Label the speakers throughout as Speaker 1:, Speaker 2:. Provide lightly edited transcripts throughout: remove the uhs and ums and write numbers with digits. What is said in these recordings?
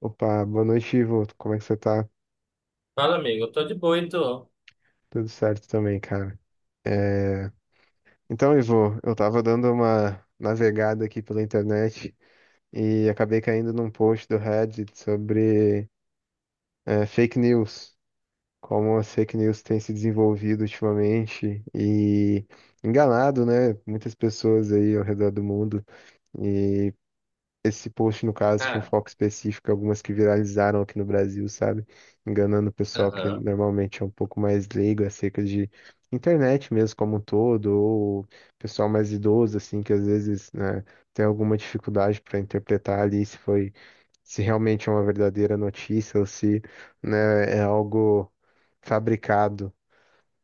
Speaker 1: Opa, boa noite, Ivo. Como é que você tá?
Speaker 2: Fala, amigo, eu tô de boa, e tu?
Speaker 1: Tudo certo também, cara. É, Então, Ivo, eu tava dando uma navegada aqui pela internet e acabei caindo num post do Reddit sobre fake news, como as fake news têm se desenvolvido ultimamente e enganado, né? Muitas pessoas aí ao redor do mundo. E Esse post, no caso, tinha um
Speaker 2: Cara,
Speaker 1: foco específico, algumas que viralizaram aqui no Brasil, sabe? Enganando o pessoal que
Speaker 2: aham.
Speaker 1: normalmente é um pouco mais leigo acerca de internet mesmo como um todo, ou pessoal mais idoso, assim, que às vezes, né, tem alguma dificuldade para interpretar ali se foi, se realmente é uma verdadeira notícia ou se, né, é algo fabricado.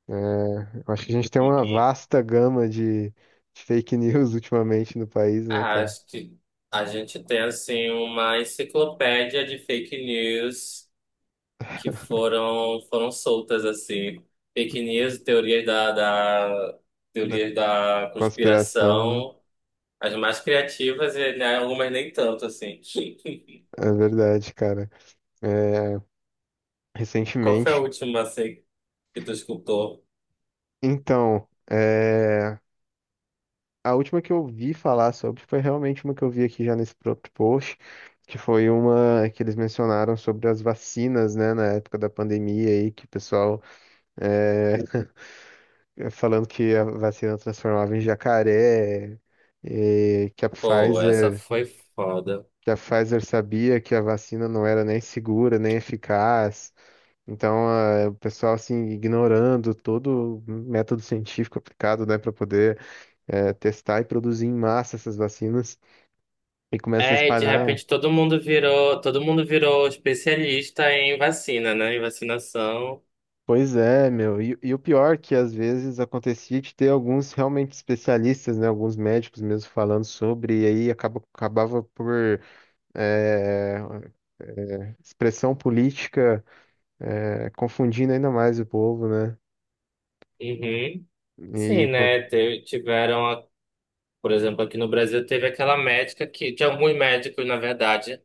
Speaker 1: É, eu acho que a gente tem uma
Speaker 2: E
Speaker 1: vasta gama de fake news ultimamente no país, né, cara?
Speaker 2: acho que a gente tem assim uma enciclopédia de fake news que foram soltas assim, fake news, teorias da
Speaker 1: Da
Speaker 2: teorias da
Speaker 1: conspiração, né?
Speaker 2: conspiração, as mais criativas e, né, algumas nem tanto assim.
Speaker 1: É verdade, cara. É,
Speaker 2: Qual foi a
Speaker 1: recentemente.
Speaker 2: última assim que tu escutou?
Speaker 1: Então, a última que eu vi falar sobre foi realmente uma que eu vi aqui já nesse próprio post, que foi uma que eles mencionaram sobre as vacinas, né, na época da pandemia aí, que o pessoal é, falando que a vacina transformava em jacaré, e
Speaker 2: Pô, essa foi foda.
Speaker 1: Que a Pfizer sabia que a vacina não era nem segura, nem eficaz. Então, o pessoal assim ignorando todo o método científico aplicado, né, para poder testar e produzir em massa essas vacinas e começa a
Speaker 2: É, e de
Speaker 1: espalhar.
Speaker 2: repente todo mundo virou especialista em vacina, né? Em vacinação.
Speaker 1: Pois é, meu. E o pior é que às vezes acontecia de ter alguns realmente especialistas, né, alguns médicos mesmo falando sobre, e aí acabava por eh, expressão política confundindo ainda mais o povo, né?
Speaker 2: Uhum. Sim,
Speaker 1: E pô,
Speaker 2: né? Te- Tiveram, a- por exemplo, aqui no Brasil teve aquela médica que, de alguns médicos, na verdade,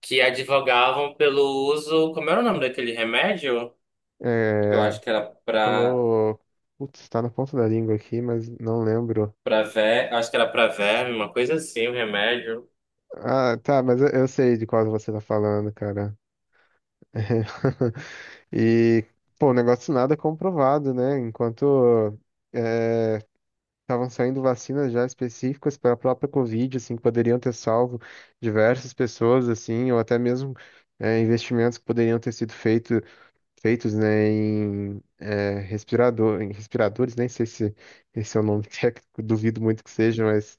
Speaker 2: que advogavam pelo uso, como era o nome daquele remédio? Eu acho
Speaker 1: eh,
Speaker 2: que era pra,
Speaker 1: Colou. Putz, tá na ponta da língua aqui, mas não lembro.
Speaker 2: pra ver, acho que era pra verme, uma coisa assim, o remédio.
Speaker 1: Ah, tá, mas eu sei de qual você tá falando, cara. E, pô, o negócio nada comprovado, né? Enquanto estavam saindo vacinas já específicas para a própria Covid, assim, que poderiam ter salvo diversas pessoas, assim, ou até mesmo investimentos que poderiam ter sido feitos, né, em respiradores, nem sei se esse é o nome técnico, duvido muito que seja, mas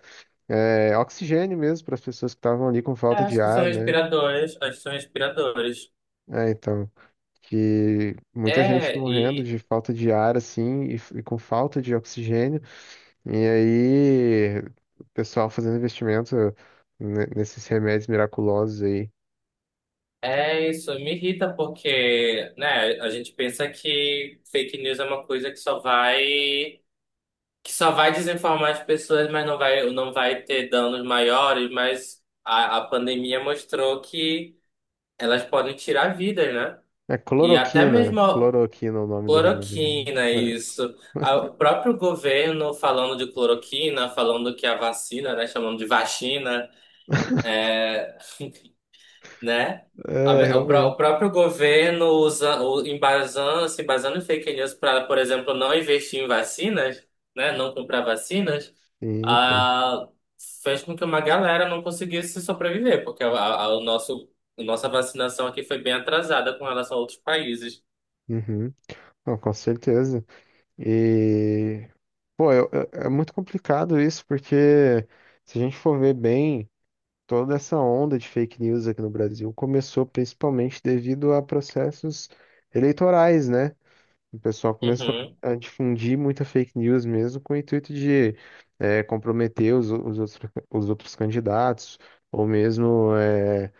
Speaker 1: oxigênio mesmo para as pessoas que estavam ali com
Speaker 2: É,
Speaker 1: falta de
Speaker 2: acho que são
Speaker 1: ar, né?
Speaker 2: respiradores, acho que são respiradores.
Speaker 1: É, então, que muita gente
Speaker 2: É,
Speaker 1: morrendo
Speaker 2: e
Speaker 1: de falta de ar, assim, e, e com falta de oxigênio, e aí o pessoal fazendo investimento nesses remédios miraculosos aí.
Speaker 2: é isso, me irrita porque, né, a gente pensa que fake news é uma coisa que só vai desinformar as pessoas, mas não vai ter danos maiores, mas a pandemia mostrou que elas podem tirar vidas, né?
Speaker 1: É
Speaker 2: E até
Speaker 1: cloroquina,
Speaker 2: mesmo a
Speaker 1: cloroquina é o nome do remédio.
Speaker 2: cloroquina,
Speaker 1: Né?
Speaker 2: isso. A- O próprio governo falando de cloroquina, falando que a vacina, né, chamando de vacina, né? A
Speaker 1: É, é
Speaker 2: me- O pró- o
Speaker 1: realmente.
Speaker 2: próprio governo usa, o- embasando, se embasando em fake news para, por exemplo, não investir em vacinas, né? Não comprar vacinas,
Speaker 1: Sim, pô.
Speaker 2: ah, fez com que uma galera não conseguisse sobreviver, porque a- o nosso, a nossa vacinação aqui foi bem atrasada com relação a outros países.
Speaker 1: Uhum. Não, com certeza. E, pô, muito complicado isso, porque se a gente for ver bem, toda essa onda de fake news aqui no Brasil começou principalmente devido a processos eleitorais, né? O pessoal começou
Speaker 2: Uhum.
Speaker 1: a difundir muita fake news mesmo com o intuito de comprometer os outros candidatos, ou mesmo.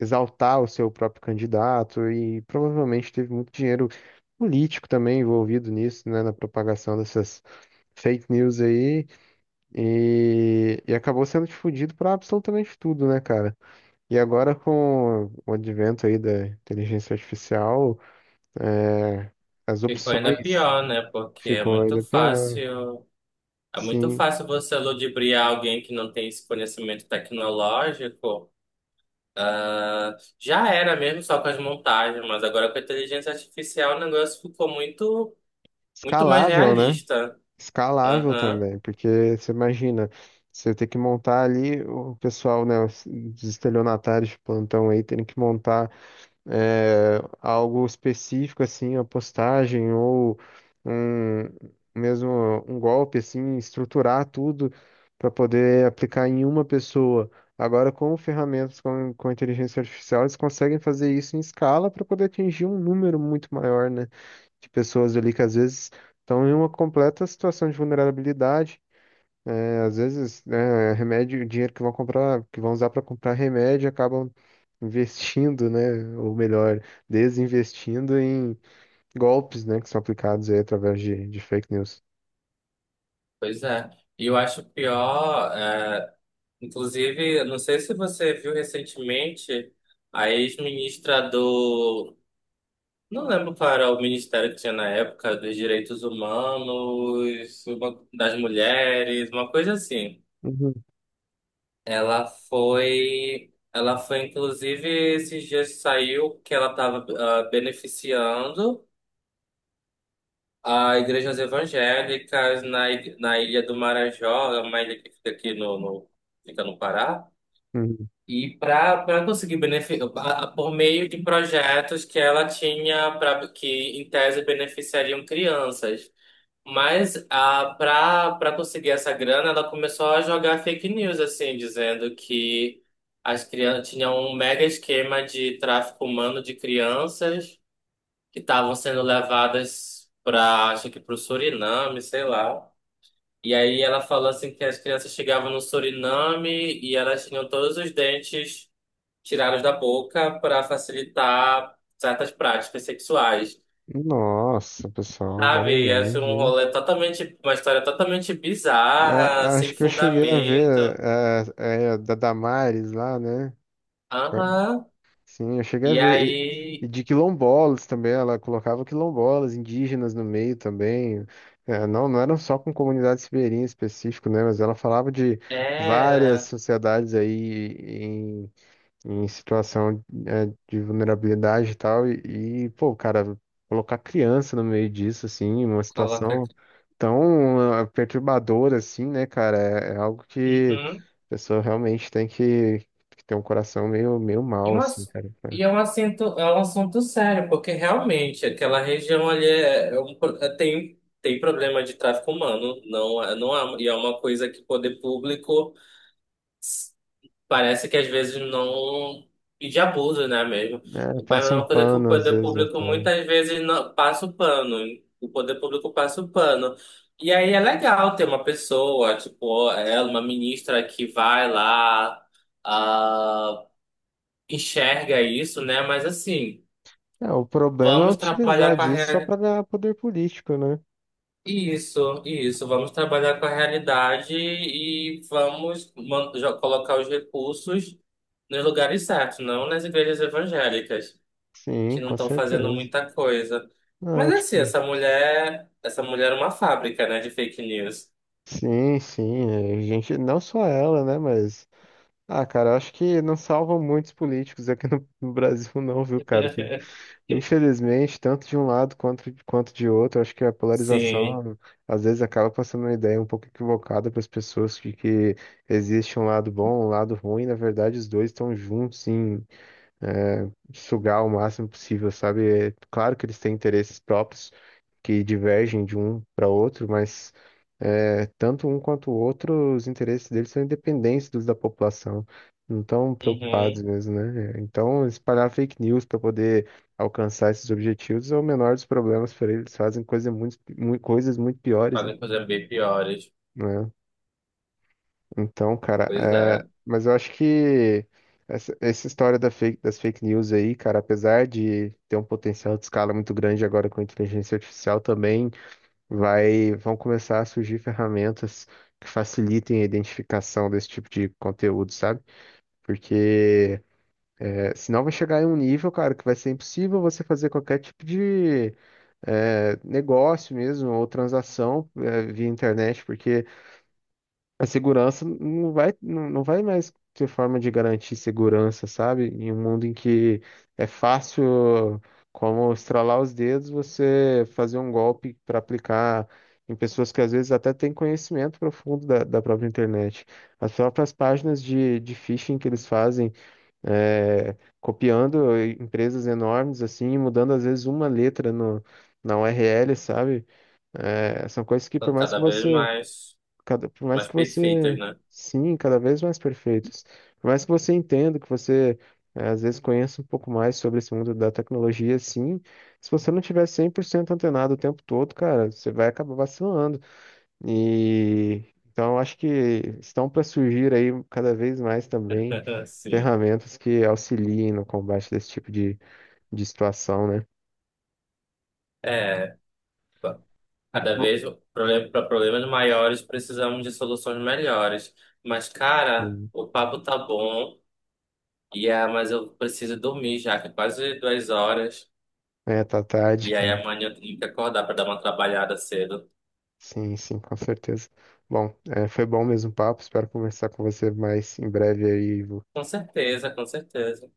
Speaker 1: Exaltar o seu próprio candidato e provavelmente teve muito dinheiro político também envolvido nisso, né, na propagação dessas fake news aí e acabou sendo difundido para absolutamente tudo, né, cara? E agora com o advento aí da inteligência artificial, é, as
Speaker 2: Ficou ainda
Speaker 1: opções
Speaker 2: pior, né? Porque
Speaker 1: ficou ainda pior.
Speaker 2: é muito
Speaker 1: Sim,
Speaker 2: fácil você ludibriar alguém que não tem esse conhecimento tecnológico. Ah, já era mesmo só com as montagens, mas agora com a inteligência artificial o negócio ficou muito, muito mais
Speaker 1: escalável, né?
Speaker 2: realista.
Speaker 1: Escalável
Speaker 2: Aham,
Speaker 1: também, porque você imagina, você ter que montar ali o pessoal, né, os estelionatários de plantão aí, terem que montar algo específico, assim, a postagem ou um, mesmo um golpe, assim, estruturar tudo para poder aplicar em uma pessoa. Agora, com ferramentas com inteligência artificial, eles conseguem fazer isso em escala para poder atingir um número muito maior, né? De pessoas ali que às vezes estão em uma completa situação de vulnerabilidade. É, às vezes, né, remédio, dinheiro que vão comprar, que vão usar para comprar remédio, acabam investindo, né, ou melhor, desinvestindo em golpes, né, que são aplicados aí através de fake news.
Speaker 2: pois é. E eu acho pior, é, inclusive, eu não sei se você viu recentemente, a ex-ministra do. Não lembro qual era o ministério que tinha na época, dos direitos humanos, uma- das mulheres, uma coisa assim.
Speaker 1: Uhum,
Speaker 2: Ela foi inclusive esses dias saiu que ela estava beneficiando a igrejas evangélicas na, ig- na Ilha do Marajó, é uma ilha que fica aqui no, no- fica no Pará.
Speaker 1: uhum.
Speaker 2: E para conseguir benefício por meio de projetos que ela tinha para que em tese beneficiariam crianças. Mas a, pra, pra conseguir essa grana, ela começou a jogar fake news, assim, dizendo que as crianças tinham um mega esquema de tráfico humano de crianças que estavam sendo levadas para, acho que para o Suriname, sei lá. E aí ela falou assim que as crianças chegavam no Suriname e elas tinham todos os dentes tirados da boca para facilitar certas práticas sexuais.
Speaker 1: Nossa, pessoal, vai
Speaker 2: Sabe, ia ser
Speaker 1: longe,
Speaker 2: um
Speaker 1: hein?
Speaker 2: rolê totalmente, uma história totalmente bizarra,
Speaker 1: Acho
Speaker 2: sem
Speaker 1: que eu cheguei a
Speaker 2: fundamento.
Speaker 1: ver da Damares lá, né?
Speaker 2: Aham.
Speaker 1: Sim, eu cheguei a
Speaker 2: E
Speaker 1: ver. E
Speaker 2: aí,
Speaker 1: de quilombolas também, ela colocava quilombolas, indígenas no meio também. É, não eram só com comunidades ribeirinhas específico, né? Mas ela falava de várias
Speaker 2: era.
Speaker 1: sociedades aí em situação de vulnerabilidade e tal, pô, cara, colocar criança no meio disso, assim, uma
Speaker 2: Coloca
Speaker 1: situação
Speaker 2: aqui.
Speaker 1: tão perturbadora, assim, né, cara, é algo que
Speaker 2: Uhum.
Speaker 1: a pessoa realmente tem que ter um coração meio
Speaker 2: E,
Speaker 1: mal,
Speaker 2: um
Speaker 1: assim,
Speaker 2: ass-
Speaker 1: cara.
Speaker 2: e é um assunto sério, porque realmente aquela região ali é um pro- é- tem, tem problema de tráfico humano, não, é- não é, e é uma coisa que o poder público. Parece que às vezes não. E de abuso, né, mesmo?
Speaker 1: É,
Speaker 2: Mas
Speaker 1: passa
Speaker 2: é
Speaker 1: um
Speaker 2: uma coisa que o
Speaker 1: pano, às
Speaker 2: poder
Speaker 1: vezes,
Speaker 2: público
Speaker 1: até.
Speaker 2: muitas vezes não... passa o pano. O poder público passa o pano. E aí é legal ter uma pessoa, tipo, ela, uma ministra que vai lá, ah, enxerga isso, né? Mas assim,
Speaker 1: É, o problema é
Speaker 2: vamos trabalhar
Speaker 1: utilizar
Speaker 2: com a
Speaker 1: disso só pra
Speaker 2: realidade.
Speaker 1: ganhar poder político, né?
Speaker 2: Isso, isso. Vamos trabalhar com a realidade e vamos man- jo- colocar os recursos nos lugares certos, não nas igrejas evangélicas. Que
Speaker 1: Sim,
Speaker 2: não
Speaker 1: com
Speaker 2: estão fazendo
Speaker 1: certeza.
Speaker 2: muita coisa.
Speaker 1: Ah,
Speaker 2: Mas assim,
Speaker 1: tipo,
Speaker 2: essa mulher é uma fábrica, né, de fake news.
Speaker 1: sim, é, gente, não só ela, né, mas ah, cara, eu acho que não salvam muitos políticos aqui no, no Brasil, não, viu, cara? Que, infelizmente, tanto de um lado quanto de outro, eu acho que a
Speaker 2: Sim.
Speaker 1: polarização às vezes acaba passando uma ideia um pouco equivocada para as pessoas de que existe um lado bom, um lado ruim. Na verdade, os dois estão juntos em sugar o máximo possível, sabe? É claro que eles têm interesses próprios que divergem de um para outro, mas. É, tanto um quanto o outro, os interesses deles são independentes dos da população, não estão preocupados
Speaker 2: Uhum.
Speaker 1: mesmo, né? Então, espalhar fake news para poder alcançar esses objetivos é o menor dos problemas para eles, fazem coisa coisas muito piores,
Speaker 2: Fazem coisas bem piores.
Speaker 1: né? Então, cara,
Speaker 2: Pois
Speaker 1: é,
Speaker 2: é.
Speaker 1: mas eu acho que essa história da das fake news aí, cara, apesar de ter um potencial de escala muito grande agora com a inteligência artificial também vão começar a surgir ferramentas que facilitem a identificação desse tipo de conteúdo, sabe? Porque senão vai chegar em um nível, cara, que vai ser impossível você fazer qualquer tipo de negócio mesmo ou transação via internet, porque a segurança não vai mais ter forma de garantir segurança, sabe? Em um mundo em que é fácil, como estralar os dedos, você fazer um golpe para aplicar em pessoas que às vezes até têm conhecimento profundo da própria internet. As próprias páginas de phishing que eles fazem, é, copiando empresas enormes, assim, mudando às vezes uma letra no, na URL, sabe? É, são coisas que por
Speaker 2: Estão
Speaker 1: mais
Speaker 2: cada
Speaker 1: que
Speaker 2: vez
Speaker 1: você.
Speaker 2: mais,
Speaker 1: Por mais
Speaker 2: mais
Speaker 1: que
Speaker 2: perfeitas,
Speaker 1: você,
Speaker 2: né?
Speaker 1: sim, cada vez mais perfeitos. Por mais que você entenda, que você às vezes conheça um pouco mais sobre esse mundo da tecnologia, sim. Se você não tiver 100% antenado o tempo todo, cara, você vai acabar vacilando. E então eu acho que estão para surgir aí cada vez mais também
Speaker 2: Sim.
Speaker 1: ferramentas que auxiliem no combate desse tipo de situação, né?
Speaker 2: É. Ba- Cada vez, para problemas maiores precisamos de soluções melhores. Mas, cara,
Speaker 1: Hum.
Speaker 2: o papo tá bom. E é, mas eu preciso dormir já, que é quase 2 horas.
Speaker 1: É, tá tarde,
Speaker 2: E aí
Speaker 1: cara.
Speaker 2: amanhã eu tenho que acordar para dar uma trabalhada cedo.
Speaker 1: Sim, sim, com certeza. Bom, é, foi bom mesmo o papo. Espero conversar com você mais em breve aí, Ivo.
Speaker 2: Com certeza, com certeza.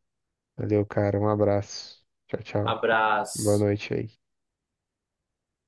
Speaker 1: Valeu, cara. Um abraço. Tchau, tchau. Boa
Speaker 2: Abraço.
Speaker 1: noite aí.